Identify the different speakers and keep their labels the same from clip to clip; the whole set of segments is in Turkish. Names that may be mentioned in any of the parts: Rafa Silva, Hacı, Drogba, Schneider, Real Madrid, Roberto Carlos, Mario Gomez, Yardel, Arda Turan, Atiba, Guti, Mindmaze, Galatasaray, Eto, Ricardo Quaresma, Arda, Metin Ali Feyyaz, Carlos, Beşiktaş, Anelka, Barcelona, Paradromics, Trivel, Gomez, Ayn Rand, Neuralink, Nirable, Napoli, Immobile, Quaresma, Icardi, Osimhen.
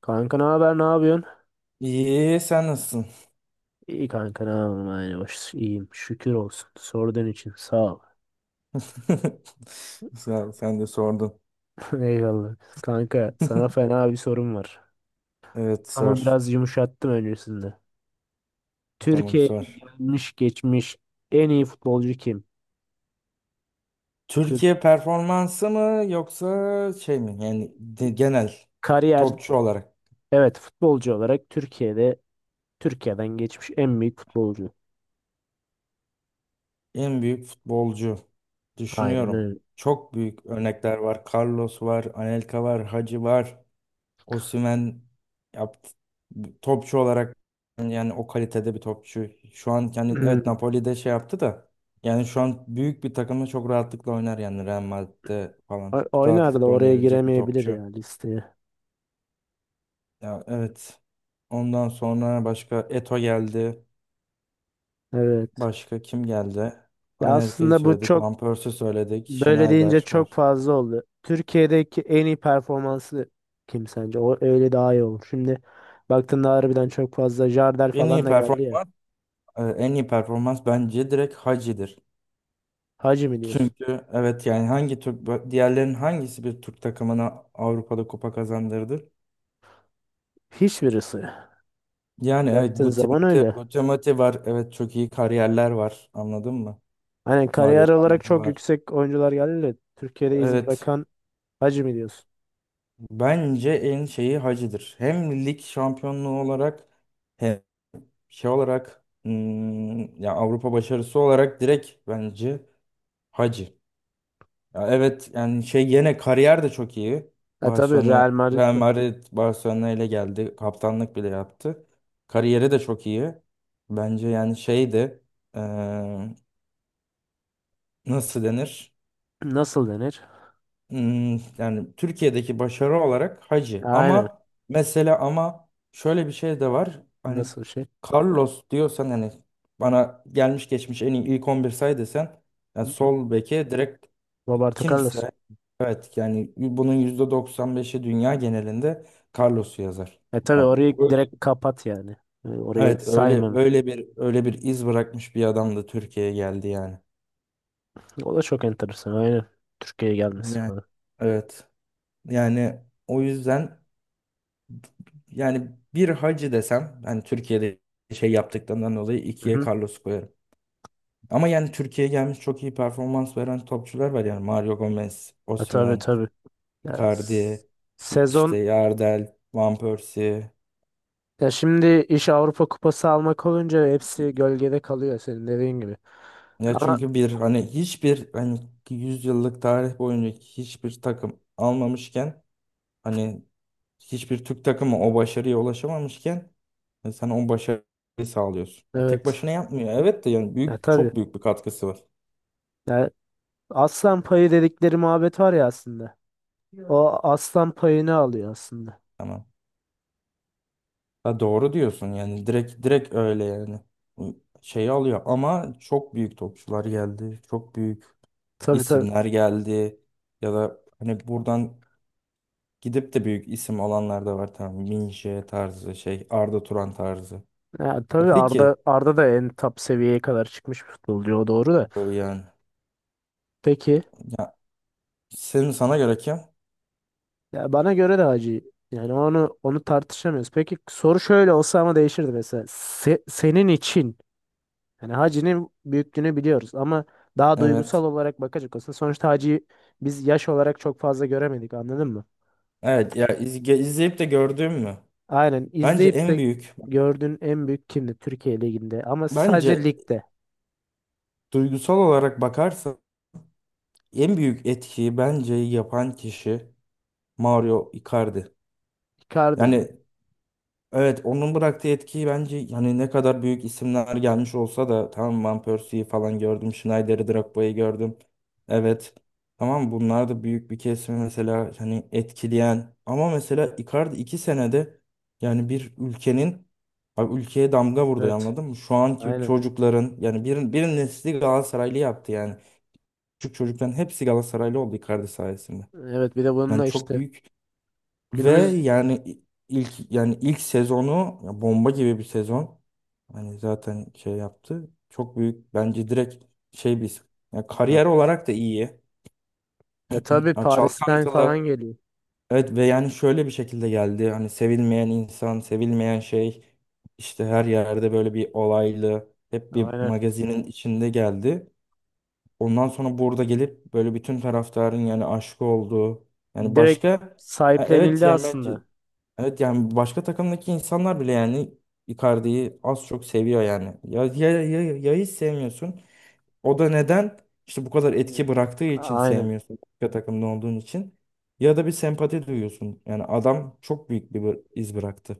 Speaker 1: Kanka ne haber ne yapıyorsun?
Speaker 2: İyi, sen nasılsın?
Speaker 1: İyi kanka ne yapayım aynı baş iyiyim şükür olsun sorduğun için sağ ol.
Speaker 2: Sağ ol, sen de sordun.
Speaker 1: Eyvallah. Kanka sana fena bir sorum var.
Speaker 2: Evet,
Speaker 1: Ama
Speaker 2: sor.
Speaker 1: biraz yumuşattım öncesinde.
Speaker 2: Tamam,
Speaker 1: Türkiye'ye
Speaker 2: sor.
Speaker 1: gelmiş geçmiş en iyi futbolcu kim? Türk
Speaker 2: Türkiye performansı mı yoksa şey mi? Yani genel
Speaker 1: kariyer,
Speaker 2: topçu olarak
Speaker 1: evet, futbolcu olarak Türkiye'de, Türkiye'den geçmiş en büyük futbolcu.
Speaker 2: en büyük futbolcu
Speaker 1: Aynen
Speaker 2: düşünüyorum.
Speaker 1: öyle.
Speaker 2: Çok büyük örnekler var. Carlos var, Anelka var, Hacı var. Osimhen yaptı. Topçu olarak yani o kalitede bir topçu. Şu an yani evet Napoli'de şey yaptı da yani şu an büyük bir takımda çok rahatlıkla oynar, yani Real Madrid'de falan
Speaker 1: Oynar da
Speaker 2: rahatlıkla
Speaker 1: oraya
Speaker 2: oynayabilecek bir
Speaker 1: giremeyebilir ya
Speaker 2: topçu.
Speaker 1: listeye.
Speaker 2: Ya evet. Ondan sonra başka Eto geldi.
Speaker 1: Evet.
Speaker 2: Başka kim geldi?
Speaker 1: Ya
Speaker 2: Anelka'yı
Speaker 1: aslında bu
Speaker 2: söyledik.
Speaker 1: çok,
Speaker 2: Van Persie'i söyledik.
Speaker 1: böyle deyince
Speaker 2: Schneider
Speaker 1: çok
Speaker 2: var.
Speaker 1: fazla oldu. Türkiye'deki en iyi performansı kim sence? O öyle daha iyi olur. Şimdi baktığında harbiden çok fazla Jardel
Speaker 2: En
Speaker 1: falan
Speaker 2: iyi
Speaker 1: da geldi ya.
Speaker 2: performans, en iyi performans bence direkt Hacı'dır.
Speaker 1: Hacı mi diyorsun?
Speaker 2: Çünkü evet yani hangi Türk diğerlerin hangisi bir Türk takımına Avrupa'da kupa kazandırdı?
Speaker 1: Hiçbirisi.
Speaker 2: Yani evet
Speaker 1: Baktığın
Speaker 2: Guti,
Speaker 1: zaman
Speaker 2: Muti-
Speaker 1: öyle.
Speaker 2: Guti Muti var. Evet, çok iyi kariyerler var. Anladın mı?
Speaker 1: Hani
Speaker 2: Mario
Speaker 1: kariyer olarak
Speaker 2: Gomez
Speaker 1: çok
Speaker 2: var.
Speaker 1: yüksek oyuncular geldi de Türkiye'de iz
Speaker 2: Evet.
Speaker 1: bırakan. Hacı mi diyorsun?
Speaker 2: Bence en şeyi Hacı'dır. Hem lig şampiyonluğu olarak hem şey olarak, ya Avrupa başarısı olarak direkt bence Hacı. Ya evet yani şey, yine kariyer de çok iyi.
Speaker 1: Ha tabii Real
Speaker 2: Barcelona,
Speaker 1: Madrid,
Speaker 2: Real Madrid Barcelona ile geldi. Kaptanlık bile yaptı. Kariyeri de çok iyi. Bence yani şeydi, eee, nasıl denir?
Speaker 1: nasıl denir?
Speaker 2: Yani Türkiye'deki başarı olarak Hacı.
Speaker 1: Aynen.
Speaker 2: Ama mesela ama şöyle bir şey de var. Hani
Speaker 1: Nasıl şey?
Speaker 2: Carlos diyorsan hani bana gelmiş geçmiş en iyi ilk 11 say desen, yani
Speaker 1: Hı hı.
Speaker 2: sol beke direkt
Speaker 1: Roberto Carlos.
Speaker 2: kimse, evet yani bunun %95'i dünya genelinde Carlos'u yazar.
Speaker 1: E tabii
Speaker 2: Ama
Speaker 1: orayı direkt
Speaker 2: öyle-
Speaker 1: kapat yani. Yani orayı
Speaker 2: Evet, öyle
Speaker 1: saymam.
Speaker 2: öyle bir öyle bir iz bırakmış bir adam da Türkiye'ye geldi yani.
Speaker 1: O da çok enteresan. Aynen. Türkiye'ye gelmesi
Speaker 2: Yani
Speaker 1: falan.
Speaker 2: evet. Yani o yüzden, yani bir Hacı desem hani Türkiye'de şey yaptıklarından dolayı
Speaker 1: Hı
Speaker 2: ikiye
Speaker 1: hı.
Speaker 2: Carlos koyarım. Ama yani Türkiye'ye gelmiş çok iyi performans veren topçular var, yani Mario Gomez,
Speaker 1: E, tabii
Speaker 2: Osimhen,
Speaker 1: tabii. Ya, s-
Speaker 2: Icardi, işte
Speaker 1: sezon
Speaker 2: Yardel, Van Persie.
Speaker 1: ya şimdi iş Avrupa Kupası almak olunca hepsi gölgede kalıyor senin dediğin gibi.
Speaker 2: Ya
Speaker 1: Ama
Speaker 2: çünkü bir hani hiçbir hani 100 yıllık tarih boyunca hiçbir takım almamışken, hani hiçbir Türk takımı o başarıya ulaşamamışken, sen o başarıyı sağlıyorsun. Ya tek
Speaker 1: evet.
Speaker 2: başına yapmıyor. Evet de yani
Speaker 1: Ya
Speaker 2: büyük
Speaker 1: tabii.
Speaker 2: çok büyük bir katkısı var.
Speaker 1: Ya, aslan payı dedikleri muhabbet var ya aslında. O aslan payını alıyor aslında.
Speaker 2: Tamam. Ha, doğru diyorsun, yani direkt direkt öyle yani. Şeyi alıyor ama çok büyük topçular geldi. Çok büyük
Speaker 1: Tabii tabii.
Speaker 2: isimler geldi. Ya da hani buradan gidip de büyük isim alanlar da var. Tamam, Minje tarzı şey, Arda Turan tarzı.
Speaker 1: Ya,
Speaker 2: E
Speaker 1: tabii Arda
Speaker 2: Peki
Speaker 1: Arda da en top seviyeye kadar çıkmış bir futbolcu, o doğru da.
Speaker 2: böyle yani.
Speaker 1: Peki,
Speaker 2: Ya, sana göre kim?
Speaker 1: ya bana göre de hacı. Yani onu tartışamıyoruz. Peki soru şöyle olsa ama değişirdi mesela. Senin için yani hacinin büyüklüğünü biliyoruz ama daha duygusal
Speaker 2: Evet.
Speaker 1: olarak bakacak olsa sonuçta hacıyı biz yaş olarak çok fazla göremedik anladın mı?
Speaker 2: Evet ya, izleyip de gördüğüm mü?
Speaker 1: Aynen,
Speaker 2: Bence
Speaker 1: izleyip
Speaker 2: en
Speaker 1: de
Speaker 2: büyük
Speaker 1: gördüğün en büyük kimdi Türkiye Ligi'nde, ama sadece
Speaker 2: Bence
Speaker 1: ligde.
Speaker 2: duygusal olarak bakarsan en büyük etkiyi bence yapan kişi Mario Icardi.
Speaker 1: Icardi mi?
Speaker 2: Yani evet, onun bıraktığı etkiyi, bence yani ne kadar büyük isimler gelmiş olsa da, tamam Van Persie'yi falan gördüm. Schneider'i, Drogba'yı gördüm. Evet. Tamam, bunlar da büyük bir kesimi mesela hani etkileyen, ama mesela Icardi 2 senede yani bir ülkenin, abi ülkeye damga vurdu
Speaker 1: Evet.
Speaker 2: anladın mı? Şu anki
Speaker 1: Aynen.
Speaker 2: çocukların yani bir nesli Galatasaraylı yaptı yani. Küçük çocukların hepsi Galatasaraylı oldu Icardi sayesinde.
Speaker 1: Evet, bir de
Speaker 2: Yani
Speaker 1: bununla
Speaker 2: çok
Speaker 1: işte
Speaker 2: büyük. Ve
Speaker 1: günümüz.
Speaker 2: yani ilk sezonu, ya bomba gibi bir sezon. Hani zaten şey yaptı. Çok büyük, bence direkt şey bir, ya
Speaker 1: Ya,
Speaker 2: kariyer olarak da iyi.
Speaker 1: e tabii
Speaker 2: Ya,
Speaker 1: Paris'ten falan
Speaker 2: çalkantılı.
Speaker 1: geliyor.
Speaker 2: Evet, ve yani şöyle bir şekilde geldi. Hani sevilmeyen insan, sevilmeyen şey, işte her yerde böyle bir olaylı, hep bir
Speaker 1: Aynen.
Speaker 2: magazinin içinde geldi. Ondan sonra burada gelip böyle bütün taraftarın yani aşık olduğu, yani
Speaker 1: Direkt
Speaker 2: başka. Ha, evet
Speaker 1: sahiplenildi
Speaker 2: yani bence,
Speaker 1: aslında.
Speaker 2: evet yani başka takımdaki insanlar bile yani Icardi'yi az çok seviyor yani. Ya hiç sevmiyorsun. O da neden? İşte bu kadar
Speaker 1: Hı.
Speaker 2: etki bıraktığı için
Speaker 1: Aynen.
Speaker 2: sevmiyorsun. Başka takımda olduğun için. Ya da bir sempati duyuyorsun. Yani adam çok büyük bir iz bıraktı.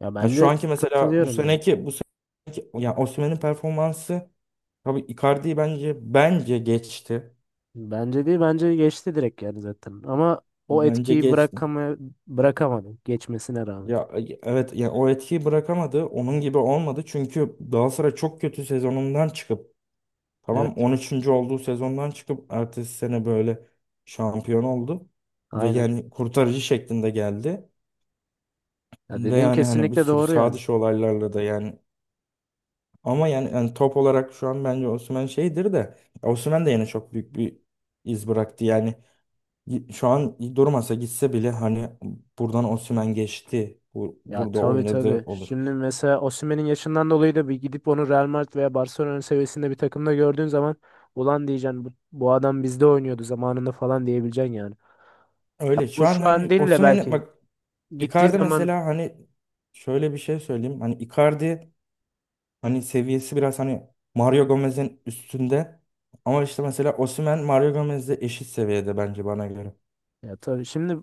Speaker 1: Ya
Speaker 2: Yani şu
Speaker 1: bence
Speaker 2: anki mesela bu
Speaker 1: katılıyorum ya.
Speaker 2: seneki bu seneki yani Osimhen'in performansı tabii Icardi'yi bence geçti.
Speaker 1: Bence değil, bence geçti direkt yani zaten. Ama o
Speaker 2: Bence
Speaker 1: etkiyi
Speaker 2: geçti.
Speaker 1: bırakamadı geçmesine rağmen.
Speaker 2: Ya evet yani o etkiyi bırakamadı. Onun gibi olmadı. Çünkü Galatasaray çok kötü sezonundan çıkıp, tamam
Speaker 1: Evet,
Speaker 2: 13'üncü olduğu sezondan çıkıp ertesi sene böyle şampiyon oldu. Ve
Speaker 1: aynen.
Speaker 2: yani kurtarıcı şeklinde geldi.
Speaker 1: Ya
Speaker 2: Ve
Speaker 1: dediğin
Speaker 2: yani hani bir
Speaker 1: kesinlikle
Speaker 2: sürü
Speaker 1: doğru
Speaker 2: sağ
Speaker 1: yani.
Speaker 2: dışı olaylarla da yani, ama yani, top olarak şu an bence Osimhen şeydir de, Osimhen de yine çok büyük bir iz bıraktı. Yani şu an durmasa gitse bile hani buradan Osimhen geçti, bu,
Speaker 1: Ya
Speaker 2: burada
Speaker 1: tabii
Speaker 2: oynadı
Speaker 1: tabii.
Speaker 2: olur.
Speaker 1: Şimdi mesela Osimhen'in yaşından dolayı da bir gidip onu Real Madrid veya Barcelona seviyesinde bir takımda gördüğün zaman ulan diyeceksin, bu adam bizde oynuyordu zamanında falan diyebileceksin yani. Ya
Speaker 2: Öyle,
Speaker 1: bu
Speaker 2: şu an
Speaker 1: şu an
Speaker 2: hani
Speaker 1: değil de
Speaker 2: Osimhen
Speaker 1: belki
Speaker 2: bak,
Speaker 1: gittiği
Speaker 2: Icardi
Speaker 1: zaman.
Speaker 2: mesela hani şöyle bir şey söyleyeyim. Hani Icardi hani seviyesi biraz hani Mario Gomez'in üstünde. Ama işte mesela Osimhen Mario Gomez'le eşit seviyede, bence bana göre.
Speaker 1: Ya tabii şimdi,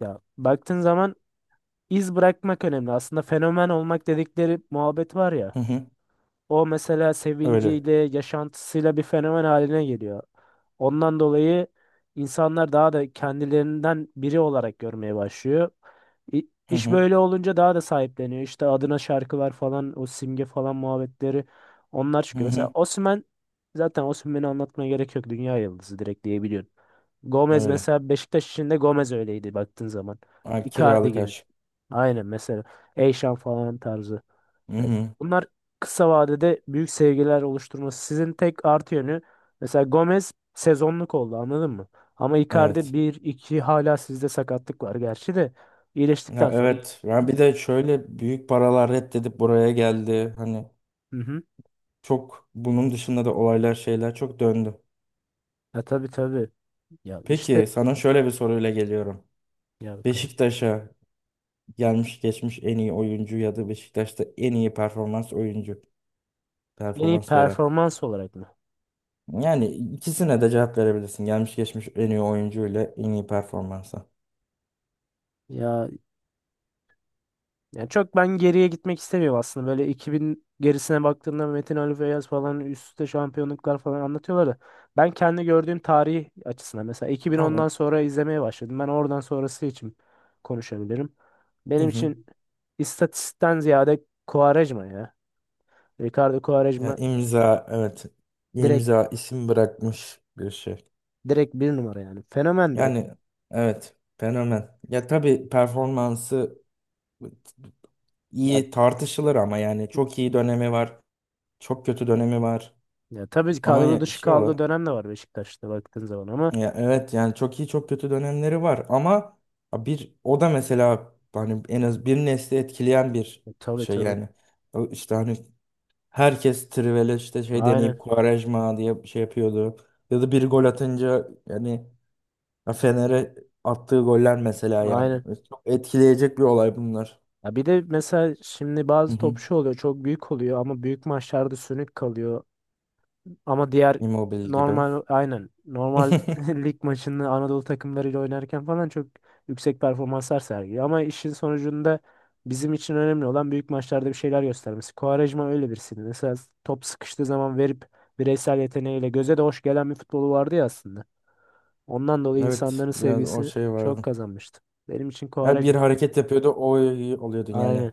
Speaker 1: ya baktığın zaman iz bırakmak önemli. Aslında fenomen olmak dedikleri muhabbet var ya.
Speaker 2: Hı hı.
Speaker 1: O mesela
Speaker 2: Öyle.
Speaker 1: sevinciyle, yaşantısıyla bir fenomen haline geliyor. Ondan dolayı insanlar daha da kendilerinden biri olarak görmeye başlıyor. İ-
Speaker 2: Hı
Speaker 1: İş
Speaker 2: hı.
Speaker 1: böyle olunca daha da sahipleniyor. İşte adına şarkılar falan, o simge falan muhabbetleri, onlar
Speaker 2: Hı
Speaker 1: çıkıyor. Mesela
Speaker 2: hı.
Speaker 1: Osimhen, zaten Osimhen'i anlatmaya gerek yok. Dünya yıldızı direkt diyebiliyorsun. Gomez
Speaker 2: Öyle.
Speaker 1: mesela, Beşiktaş için de Gomez öyleydi baktığın zaman.
Speaker 2: Ha,
Speaker 1: Icardi
Speaker 2: kiralık
Speaker 1: gibi.
Speaker 2: aşk.
Speaker 1: Aynen, mesela Eyşan falan tarzı.
Speaker 2: Hı
Speaker 1: Evet,
Speaker 2: hı.
Speaker 1: bunlar kısa vadede büyük sevgiler oluşturması. Sizin tek artı yönü, mesela Gomez sezonluk oldu anladın mı? Ama Icardi
Speaker 2: Evet.
Speaker 1: bir iki, hala sizde sakatlık var gerçi de, iyileştikten
Speaker 2: Ya
Speaker 1: sonra.
Speaker 2: evet. Ya bir de şöyle büyük paralar reddedip buraya geldi. Hani.
Speaker 1: Hı hı.
Speaker 2: Çok bunun dışında da olaylar, şeyler çok döndü.
Speaker 1: Ya tabii tabii. Ya işte,
Speaker 2: Peki, sana şöyle bir soruyla geliyorum.
Speaker 1: ya bakalım.
Speaker 2: Beşiktaş'a gelmiş geçmiş en iyi oyuncu ya da Beşiktaş'ta en iyi performans oyuncu,
Speaker 1: En iyi
Speaker 2: performans veren.
Speaker 1: performans olarak mı?
Speaker 2: Yani ikisine de cevap verebilirsin. Gelmiş geçmiş en iyi oyuncu ile en iyi performansa.
Speaker 1: Ya, yani çok ben geriye gitmek istemiyorum aslında. Böyle 2000 gerisine baktığında Metin Ali Feyyaz falan üst üste şampiyonluklar falan anlatıyorlar da. Ben kendi gördüğüm tarih açısından mesela 2010'dan
Speaker 2: Tamam.
Speaker 1: sonra izlemeye başladım. Ben oradan sonrası için konuşabilirim.
Speaker 2: Hı
Speaker 1: Benim
Speaker 2: hı.
Speaker 1: için istatistikten ziyade Quaresma ya. Ricardo
Speaker 2: Ya,
Speaker 1: Quaresma
Speaker 2: imza evet.
Speaker 1: direkt,
Speaker 2: İmza, isim bırakmış bir şey.
Speaker 1: bir numara yani. Fenomen direkt.
Speaker 2: Yani evet, fenomen. Ya tabii performansı
Speaker 1: Ya,
Speaker 2: iyi tartışılır ama yani çok iyi dönemi var. Çok kötü dönemi var.
Speaker 1: ya tabii
Speaker 2: Ama
Speaker 1: kadro dışı
Speaker 2: şey
Speaker 1: kaldığı
Speaker 2: olarak,
Speaker 1: dönem de var Beşiktaş'ta baktığın zaman ama,
Speaker 2: ya evet yani çok iyi çok kötü dönemleri var, ama bir o da mesela hani en az bir nesli etkileyen bir
Speaker 1: e, tabii
Speaker 2: şey
Speaker 1: tabii.
Speaker 2: yani. O işte hani herkes Trivel'e işte şey deneyip
Speaker 1: Aynen.
Speaker 2: Quaresma diye şey yapıyordu. Ya da bir gol atınca yani, ya Fener'e attığı goller mesela yani.
Speaker 1: Aynen.
Speaker 2: Çok etkileyecek bir olay bunlar.
Speaker 1: Ya bir de mesela şimdi
Speaker 2: Hı
Speaker 1: bazı
Speaker 2: hı.
Speaker 1: topçu oluyor, çok büyük oluyor ama büyük maçlarda sönük kalıyor. Ama diğer
Speaker 2: Immobile gibi.
Speaker 1: normal, aynen normal, lig maçını Anadolu takımlarıyla oynarken falan çok yüksek performanslar sergiliyor. Ama işin sonucunda bizim için önemli olan büyük maçlarda bir şeyler göstermesi. Quaresma öyle birisiydi. Mesela top sıkıştığı zaman verip bireysel yeteneğiyle göze de hoş gelen bir futbolu vardı ya aslında. Ondan dolayı
Speaker 2: Evet,
Speaker 1: insanların
Speaker 2: biraz o
Speaker 1: sevgisini
Speaker 2: şey
Speaker 1: çok
Speaker 2: vardı.
Speaker 1: kazanmıştı. Benim için
Speaker 2: Ya
Speaker 1: Quaresma.
Speaker 2: bir hareket yapıyordu, o oluyordun yani.
Speaker 1: Aynen.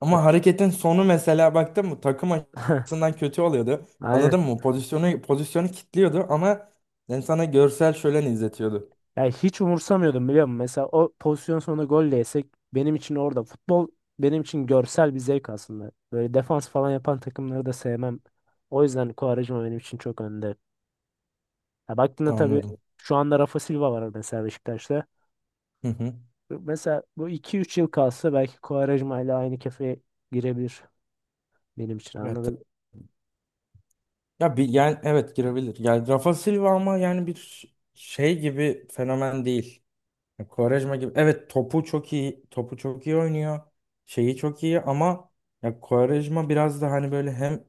Speaker 2: Ama hareketin sonu mesela baktın mı takım açısından kötü oluyordu.
Speaker 1: Aynen.
Speaker 2: Anladın mı? Pozisyonu pozisyonu kilitliyordu, ama yani sana görsel şölen izletiyordu.
Speaker 1: Yani hiç umursamıyordum biliyor musun? Mesela o pozisyon sonunda gol de yesek, benim için orada futbol, benim için görsel bir zevk aslında. Böyle defans falan yapan takımları da sevmem. O yüzden Quaresma benim için çok önde. Ya baktığında tabii
Speaker 2: Anladım.
Speaker 1: şu anda Rafa Silva var mesela Beşiktaş'ta.
Speaker 2: Hı hı.
Speaker 1: Mesela bu iki üç yıl kalsa belki Quaresma ile aynı kefeye girebilir benim için
Speaker 2: Evet.
Speaker 1: anladın mı?
Speaker 2: Ya bir, yani evet girebilir. Yani Rafa Silva, ama yani bir şey gibi fenomen değil. Ya Quaresma gibi. Evet, topu çok iyi. Topu çok iyi oynuyor. Şeyi çok iyi, ama ya Quaresma biraz da hani böyle hem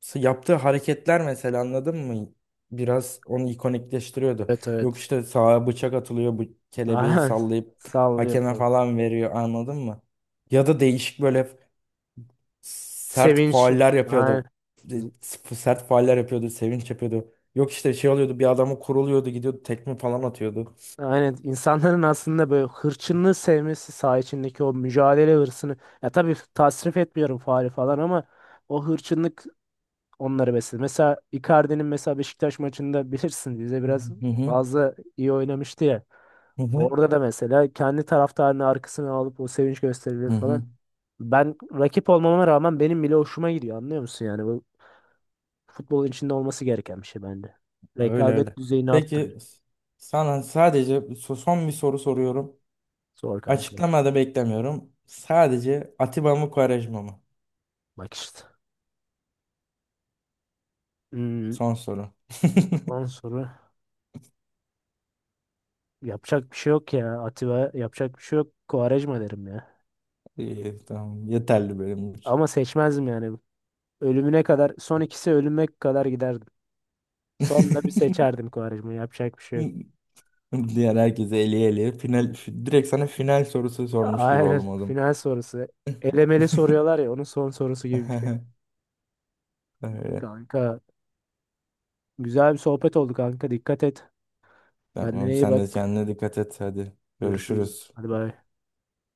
Speaker 2: yaptığı hareketler mesela, anladın mı? Biraz onu ikonikleştiriyordu.
Speaker 1: Evet
Speaker 2: Yok
Speaker 1: evet.
Speaker 2: işte sağa bıçak atılıyor, bu kelebeği
Speaker 1: Aynen.
Speaker 2: sallayıp
Speaker 1: Sallıyor
Speaker 2: hakeme
Speaker 1: falan.
Speaker 2: falan veriyor anladın mı? Ya da değişik böyle sert
Speaker 1: Sevinç.
Speaker 2: fauller
Speaker 1: Aynen.
Speaker 2: yapıyordu. Sert fauller yapıyordu, sevinç yapıyordu. Yok işte şey oluyordu, bir adamı kuruluyordu, gidiyordu tekme falan atıyordu.
Speaker 1: Aynen, insanların aslında böyle hırçınlığı sevmesi, saha içindeki o mücadele hırsını, ya tabii tasrif etmiyorum faali falan, ama o hırçınlık onları besledi. Mesela Icardi'nin mesela Beşiktaş maçında, bilirsin, bize
Speaker 2: Hı
Speaker 1: biraz
Speaker 2: hı hı
Speaker 1: fazla iyi oynamıştı ya.
Speaker 2: hı.
Speaker 1: Orada da mesela kendi taraftarını arkasına alıp o sevinç gösterileri
Speaker 2: Hı
Speaker 1: falan.
Speaker 2: hı.
Speaker 1: Ben rakip olmama rağmen benim bile hoşuma gidiyor, anlıyor musun yani? Bu futbolun içinde olması gereken bir şey bence.
Speaker 2: Öyle
Speaker 1: Rekabet
Speaker 2: öyle.
Speaker 1: düzeyini arttırıyor.
Speaker 2: Peki, sana sadece son bir soru soruyorum.
Speaker 1: Zor kanka.
Speaker 2: Açıklamada beklemiyorum. Sadece Atiba mı, Quaresma mı?
Speaker 1: Bak işte. Hmm,
Speaker 2: Son soru.
Speaker 1: ondan sonra. Yapacak bir şey yok ya. Atiba, yapacak bir şey yok. Quaresma derim ya.
Speaker 2: İyi, tamam. Yeterli benim için.
Speaker 1: Ama seçmezdim yani. Ölümüne kadar, son ikisi ölüme kadar giderdim. Sonunda bir seçerdim, Quaresma'yı. Yapacak bir şey yok.
Speaker 2: Diğer herkese eli eli. Final, direkt sana final sorusu sormuş gibi
Speaker 1: Aynen.
Speaker 2: oldum o zaman.
Speaker 1: Final sorusu. Elemeli soruyorlar ya, onun son sorusu gibi bir şey.
Speaker 2: Öyle.
Speaker 1: Kanka, güzel bir sohbet oldu kanka. Dikkat et. Kendine
Speaker 2: Tamam,
Speaker 1: iyi
Speaker 2: sen de
Speaker 1: bak.
Speaker 2: kendine dikkat et hadi.
Speaker 1: Görüşürüz.
Speaker 2: Görüşürüz.
Speaker 1: Hadi bay.